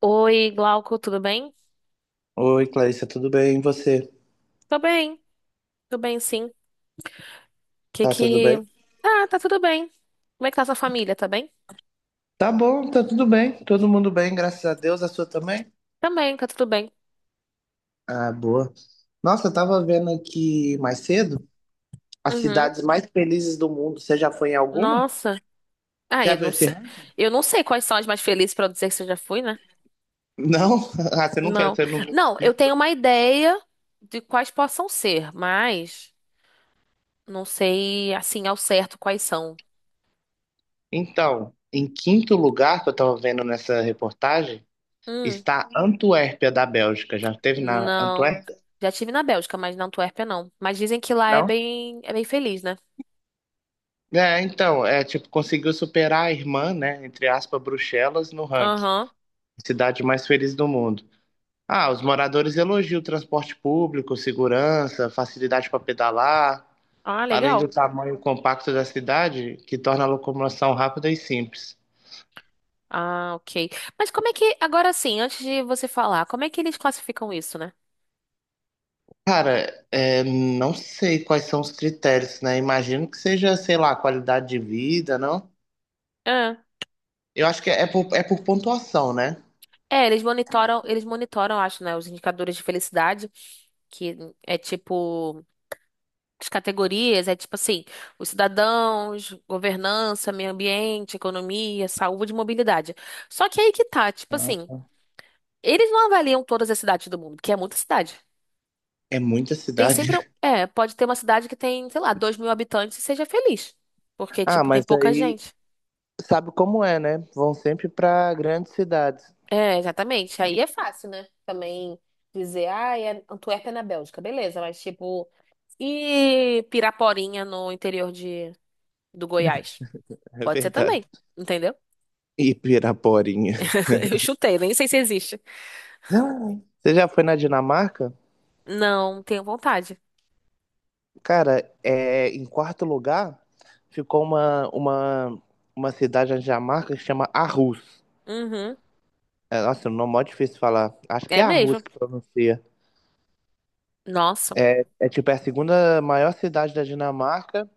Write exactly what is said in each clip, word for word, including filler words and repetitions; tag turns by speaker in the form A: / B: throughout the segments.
A: Oi, Glauco, tudo bem?
B: Oi, Clarissa, tudo bem? E você?
A: Tô bem, tô bem sim. Que
B: Tá tudo bem?
A: que... Ah, tá tudo bem. Como é que tá sua família, tá bem?
B: Tá bom, tá tudo bem. Todo mundo bem, graças a Deus. A sua também?
A: Também, tá tudo bem.
B: Ah, boa. Nossa, eu tava vendo aqui mais cedo as
A: Uhum.
B: cidades mais felizes do mundo. Você já foi em alguma?
A: Nossa. Ah,
B: Já
A: eu
B: viu
A: não
B: esse
A: sei.
B: ranking?
A: Eu não sei quais são as mais felizes pra eu dizer que você já foi, né?
B: Não? Ah, você nunca,
A: Não.
B: você não...
A: Não, eu tenho uma ideia de quais possam ser, mas não sei, assim, ao certo quais são.
B: Então, em quinto lugar, que eu tava vendo nessa reportagem,
A: Hum,
B: está Antuérpia, da Bélgica. Já esteve na
A: não.
B: Antuérpia?
A: Já tive na Bélgica, mas na Antuérpia não. Mas dizem que lá é
B: Não?
A: bem, é bem feliz, né?
B: É, então, é tipo, conseguiu superar a irmã, né, entre aspas, Bruxelas, no ranking.
A: Aham.
B: Cidade mais feliz do mundo. Ah, os moradores elogiam o transporte público, segurança, facilidade para pedalar,
A: Ah,
B: além do
A: legal.
B: tamanho compacto da cidade, que torna a locomoção rápida e simples.
A: Ah, ok. Mas como é que, agora sim, antes de você falar, como é que eles classificam isso, né?
B: Cara, é, não sei quais são os critérios, né? Imagino que seja, sei lá, qualidade de vida, não?
A: Ah,
B: Eu acho que é por, é por pontuação, né?
A: é, eles monitoram, eles monitoram, acho, né, os indicadores de felicidade, que é tipo, as categorias, é tipo assim, os cidadãos, governança, meio ambiente, economia, saúde e mobilidade. Só que aí que tá, tipo assim,
B: Ah,
A: eles não avaliam todas as cidades do mundo, porque é muita cidade.
B: é muita
A: Tem
B: cidade.
A: sempre, um- é, pode ter uma cidade que tem, sei lá, dois mil habitantes e seja feliz, porque,
B: Ah,
A: tipo, tem
B: mas
A: pouca
B: aí
A: gente.
B: sabe como é, né? Vão sempre para grandes cidades.
A: É, exatamente. Aí é fácil, né? Também dizer, ah, é Antuérpia na Bélgica, beleza, mas tipo, e Piraporinha no interior de, do Goiás?
B: É
A: Pode ser
B: verdade.
A: também, entendeu?
B: E Piraporinha.
A: Eu chutei, nem sei se existe.
B: Ah, você já foi na Dinamarca?
A: Não, tenho vontade.
B: Cara, é, em quarto lugar ficou uma, uma, uma cidade na Dinamarca que chama Aarhus.
A: Uhum,
B: É, nossa, o nome é mó difícil de falar. Acho que
A: é
B: é Aarhus
A: mesmo.
B: que pronuncia.
A: Nossa.
B: É tipo, é a segunda maior cidade da Dinamarca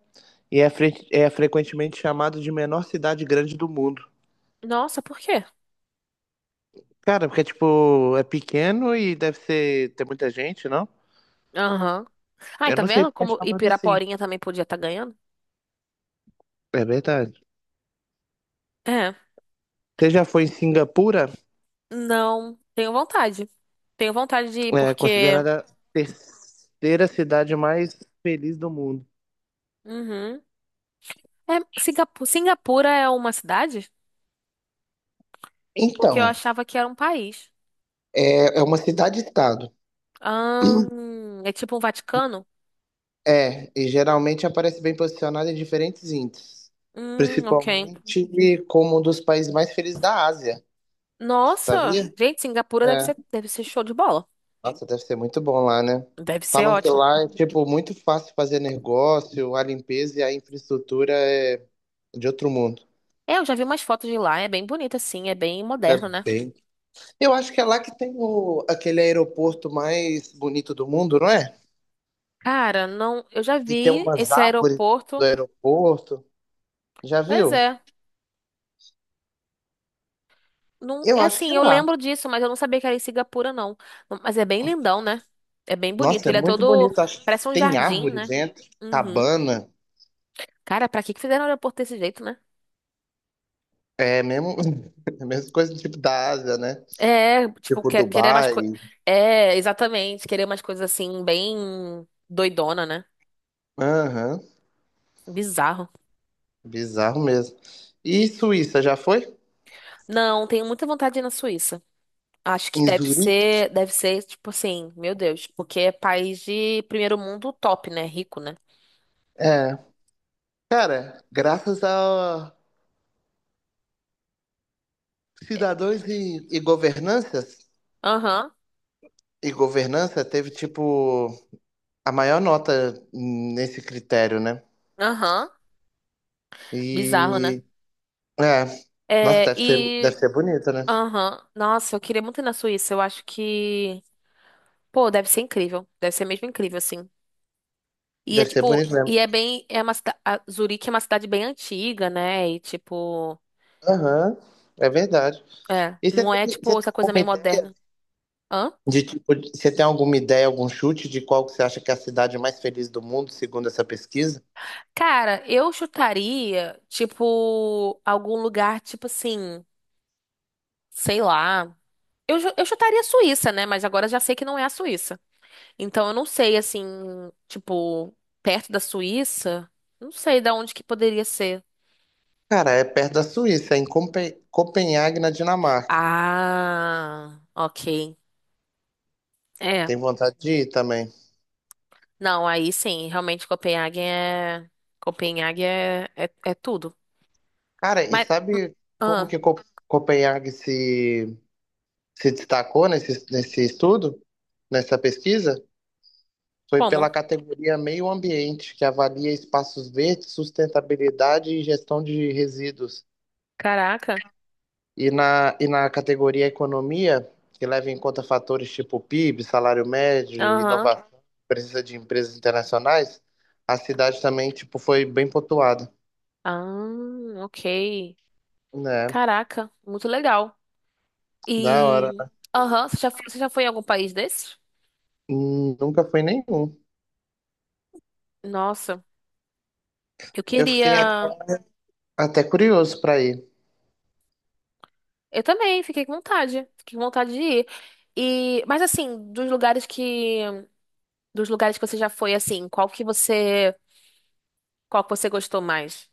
B: e é, fre- é frequentemente chamado de menor cidade grande do mundo.
A: Nossa, por quê?
B: Cara, porque tipo, é pequeno e deve ser, ter muita gente, não?
A: Aham. Ai,
B: Eu
A: tá
B: não sei
A: vendo
B: porque é
A: como
B: chamado assim.
A: Ipiraporinha também podia estar ganhando?
B: É verdade.
A: É.
B: Você já foi em Singapura?
A: Não, tenho vontade. Tenho vontade de ir
B: É
A: porque.
B: considerada a terceira cidade mais feliz do mundo.
A: Uhum. É, Singapu- Singapura é uma cidade? Porque eu
B: Então,
A: achava que era um país.
B: é, é uma cidade-estado.
A: Ah, é tipo um Vaticano?
B: É, e geralmente aparece bem posicionada em diferentes índices,
A: Hum, ok.
B: principalmente como um dos países mais felizes da Ásia,
A: Nossa,
B: sabia?
A: gente, Singapura deve
B: É.
A: ser, deve ser show de bola.
B: Nossa, deve ser muito bom lá, né?
A: Deve ser
B: Falam que
A: ótimo.
B: lá é, tipo, muito fácil fazer negócio, a limpeza e a infraestrutura é de outro mundo.
A: É, eu já vi umas fotos de lá, é bem bonito assim, é bem
B: É
A: moderno, né?
B: bem. Eu acho que é lá que tem o, aquele aeroporto mais bonito do mundo, não é?
A: Cara, não, eu já
B: E tem
A: vi
B: umas
A: esse
B: árvores do
A: aeroporto.
B: aeroporto. Já
A: Pois
B: viu?
A: é. Não,
B: Eu
A: é
B: acho que
A: assim,
B: é
A: eu
B: lá.
A: lembro disso, mas eu não sabia que era em Singapura, não. Mas é bem lindão, né? É bem bonito.
B: Nossa, é
A: Ele é
B: muito
A: todo,
B: bonito. Acho que
A: parece um
B: tem
A: jardim,
B: árvore
A: né?
B: dentro,
A: Uhum.
B: cabana.
A: Cara, pra que que fizeram o aeroporto desse jeito, né?
B: É mesmo, é a mesma coisa do tipo da Ásia, né?
A: É, tipo,
B: Tipo
A: que- querer mais
B: Dubai.
A: coisas. É, exatamente, querer umas coisas assim, bem doidona, né?
B: Aham,
A: Bizarro.
B: bizarro mesmo. E Suíça, já foi?
A: Não, tenho muita vontade de ir na Suíça. Acho que
B: Em
A: deve
B: Zurique?
A: ser, deve ser, tipo assim, meu Deus, porque é país de primeiro mundo top, né? Rico, né?
B: É. Cara, graças a cidadãos e, e governanças,
A: Aham,
B: e governança teve, tipo, a maior nota nesse critério, né?
A: aham. Bizarro, né?
B: E é. Nossa,
A: É,
B: deve ser,
A: e.
B: deve ser bonito, né?
A: Aham. Nossa, eu queria muito ir na Suíça. Eu acho que. Pô, deve ser incrível. Deve ser mesmo incrível, assim. E é
B: Deve ser
A: tipo,
B: bonito mesmo.
A: e é bem, é uma, cida- a Zurique é uma cidade bem antiga, né? E tipo,
B: Aham, é verdade.
A: é,
B: E você
A: não
B: tem,
A: é
B: você
A: tipo
B: tem
A: essa coisa
B: alguma
A: meio
B: ideia
A: moderna. Hã?
B: de tipo, de- você tem alguma ideia, algum chute de qual que você acha que é a cidade mais feliz do mundo, segundo essa pesquisa?
A: Cara, eu chutaria, tipo, algum lugar, tipo assim, sei lá. Eu, ju- eu chutaria a Suíça, né? Mas agora eu já sei que não é a Suíça. Então eu não sei, assim, tipo, perto da Suíça, não sei da onde que poderia ser.
B: Cara, é perto da Suíça, em Compe- Copenhague, na Dinamarca.
A: Ah, ok. É.
B: Tem vontade de ir também.
A: Não, aí sim, realmente Copenhague é. Copenhague é, é, é tudo.
B: Cara, e
A: Mas.
B: sabe como
A: Ah,
B: que Co- Copenhague se, se destacou nesse, nesse estudo, nessa pesquisa? Foi pela
A: como?
B: categoria Meio Ambiente, que avalia espaços verdes, sustentabilidade e gestão de resíduos.
A: Caraca.
B: E na, e na categoria Economia, que leva em conta fatores tipo P I B, salário médio,
A: Aham.
B: inovação, presença de empresas internacionais, a cidade também tipo, foi bem pontuada.
A: Ah, ok.
B: Né?
A: Caraca, muito legal.
B: Da hora.
A: E. Aham, você já, fo- você já foi em algum país desses?
B: Hum, Nunca fui nenhum.
A: Nossa, eu
B: Eu fiquei a-
A: queria.
B: até curioso para ir.
A: Eu também, fiquei com vontade. Fiquei com vontade de ir. E, mas assim, dos lugares que. Dos lugares que você já foi, assim, qual que você. Qual que você gostou mais?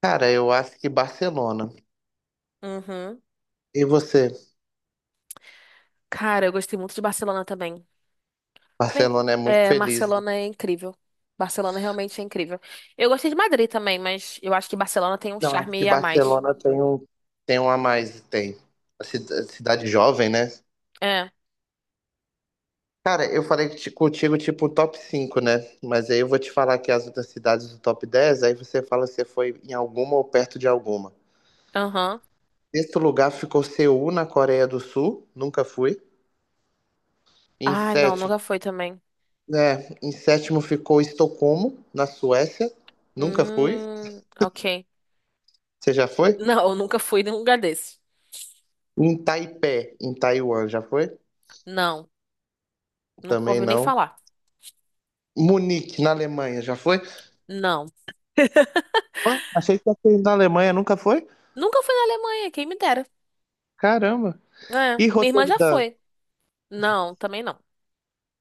B: Cara, eu acho que Barcelona.
A: Uhum.
B: E você?
A: Cara, eu gostei muito de Barcelona também. Bem,
B: Barcelona é muito
A: é,
B: feliz.
A: Barcelona é incrível. Barcelona realmente é incrível. Eu gostei de Madrid também, mas eu acho que Barcelona tem um
B: Não, acho que
A: charme a mais.
B: Barcelona tem um, tem um a mais, tem. A cida- cidade jovem, né?
A: É,
B: Cara, eu falei ti- contigo tipo top cinco, né? Mas aí eu vou te falar aqui as outras cidades do top dez, aí você fala se foi em alguma ou perto de alguma.
A: aham.
B: Sexto lugar ficou Seul, na Coreia do Sul, nunca fui. Em
A: Ah, não,
B: sétimo,
A: nunca fui também.
B: né? Em sétimo ficou Estocolmo, na Suécia, nunca fui.
A: Hum, ok.
B: Você já foi?
A: Não, eu nunca fui em um lugar desse.
B: Em Taipei, em Taiwan, já foi?
A: Não, nunca
B: Também
A: ouvi nem
B: não.
A: falar.
B: Munique, na Alemanha, já foi?
A: Não.
B: Ué, achei que você na Alemanha nunca foi?
A: Nunca fui na Alemanha, quem me dera.
B: Caramba.
A: É,
B: E
A: minha irmã já
B: Roterdã,
A: foi. Não, também não.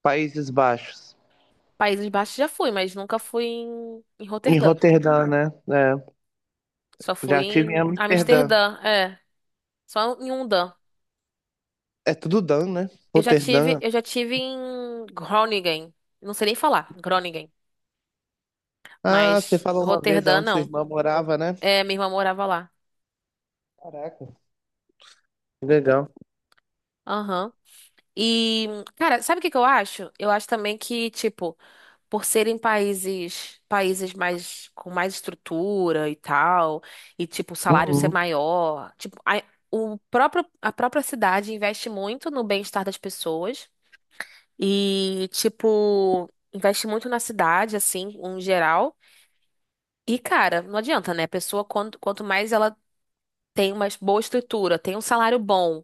B: Países Baixos?
A: Países Baixos já fui, mas nunca fui em, em
B: Em
A: Roterdã.
B: Roterdã, né? É,
A: Só fui
B: já estive em
A: em
B: Amsterdã.
A: Amsterdã, é. Só em Undan.
B: É tudo Dan, né?
A: Eu já tive,
B: Roterdã.
A: eu já tive em Groningen. Não sei nem falar, Groningen.
B: Ah, você
A: Mas
B: falou uma vez, é
A: Roterdã,
B: onde sua
A: não.
B: irmã morava, né?
A: É, minha irmã morava lá.
B: Caraca, que legal.
A: Aham. E, cara, sabe o que que eu acho? Eu acho também que, tipo, por serem países, países mais, com mais estrutura e tal, e, tipo, o salário ser
B: Uhum.
A: maior, tipo, a, o próprio, a própria cidade investe muito no bem-estar das pessoas e, tipo, investe muito na cidade, assim, em geral. E, cara, não adianta, né? A pessoa, quanto, quanto mais ela tem uma boa estrutura, tem um salário bom,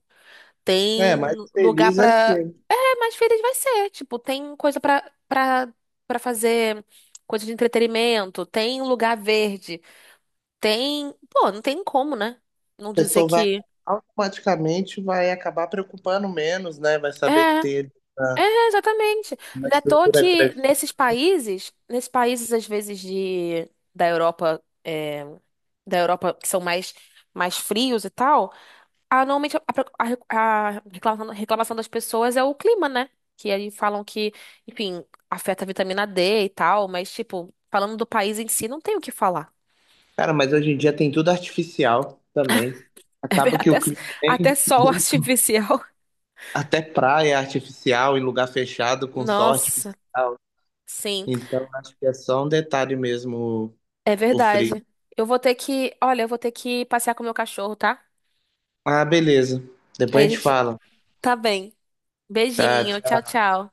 B: É,
A: tem
B: mais
A: lugar
B: feliz vai
A: pra.
B: ser.
A: É, mais feliz vai ser. Tipo, tem coisa pra, pra, pra fazer, coisa de entretenimento, tem lugar verde, tem. Pô, não tem como, né?
B: A
A: Não dizer
B: pessoa vai
A: que.
B: automaticamente vai acabar preocupando menos, né? Vai
A: É.
B: saber que tem ele na-
A: É, exatamente.
B: uma
A: Não é à toa
B: estrutura
A: que
B: grande.
A: nesses países, nesses países às vezes de da Europa, é, da Europa que são mais mais frios e tal. Ah, normalmente a, pro- a re- a reclamação, reclamação das pessoas é o clima, né? Que aí falam que, enfim, afeta a vitamina dê e tal, mas, tipo, falando do país em si, não tem o que falar.
B: Cara, mas hoje em dia tem tudo artificial também.
A: É ver-
B: Acaba que
A: Até,
B: o clima
A: até
B: nem,
A: sol artificial.
B: até praia artificial em lugar fechado com sol
A: Nossa,
B: artificial.
A: sim,
B: Então acho que é só um detalhe mesmo o
A: é
B: o
A: verdade.
B: frio.
A: Eu vou ter que, olha, eu vou ter que passear com o meu cachorro, tá?
B: Ah, beleza. Depois
A: Aí
B: a
A: a
B: gente
A: gente
B: fala.
A: tá bem. Beijinho,
B: Tá,
A: tchau, tchau.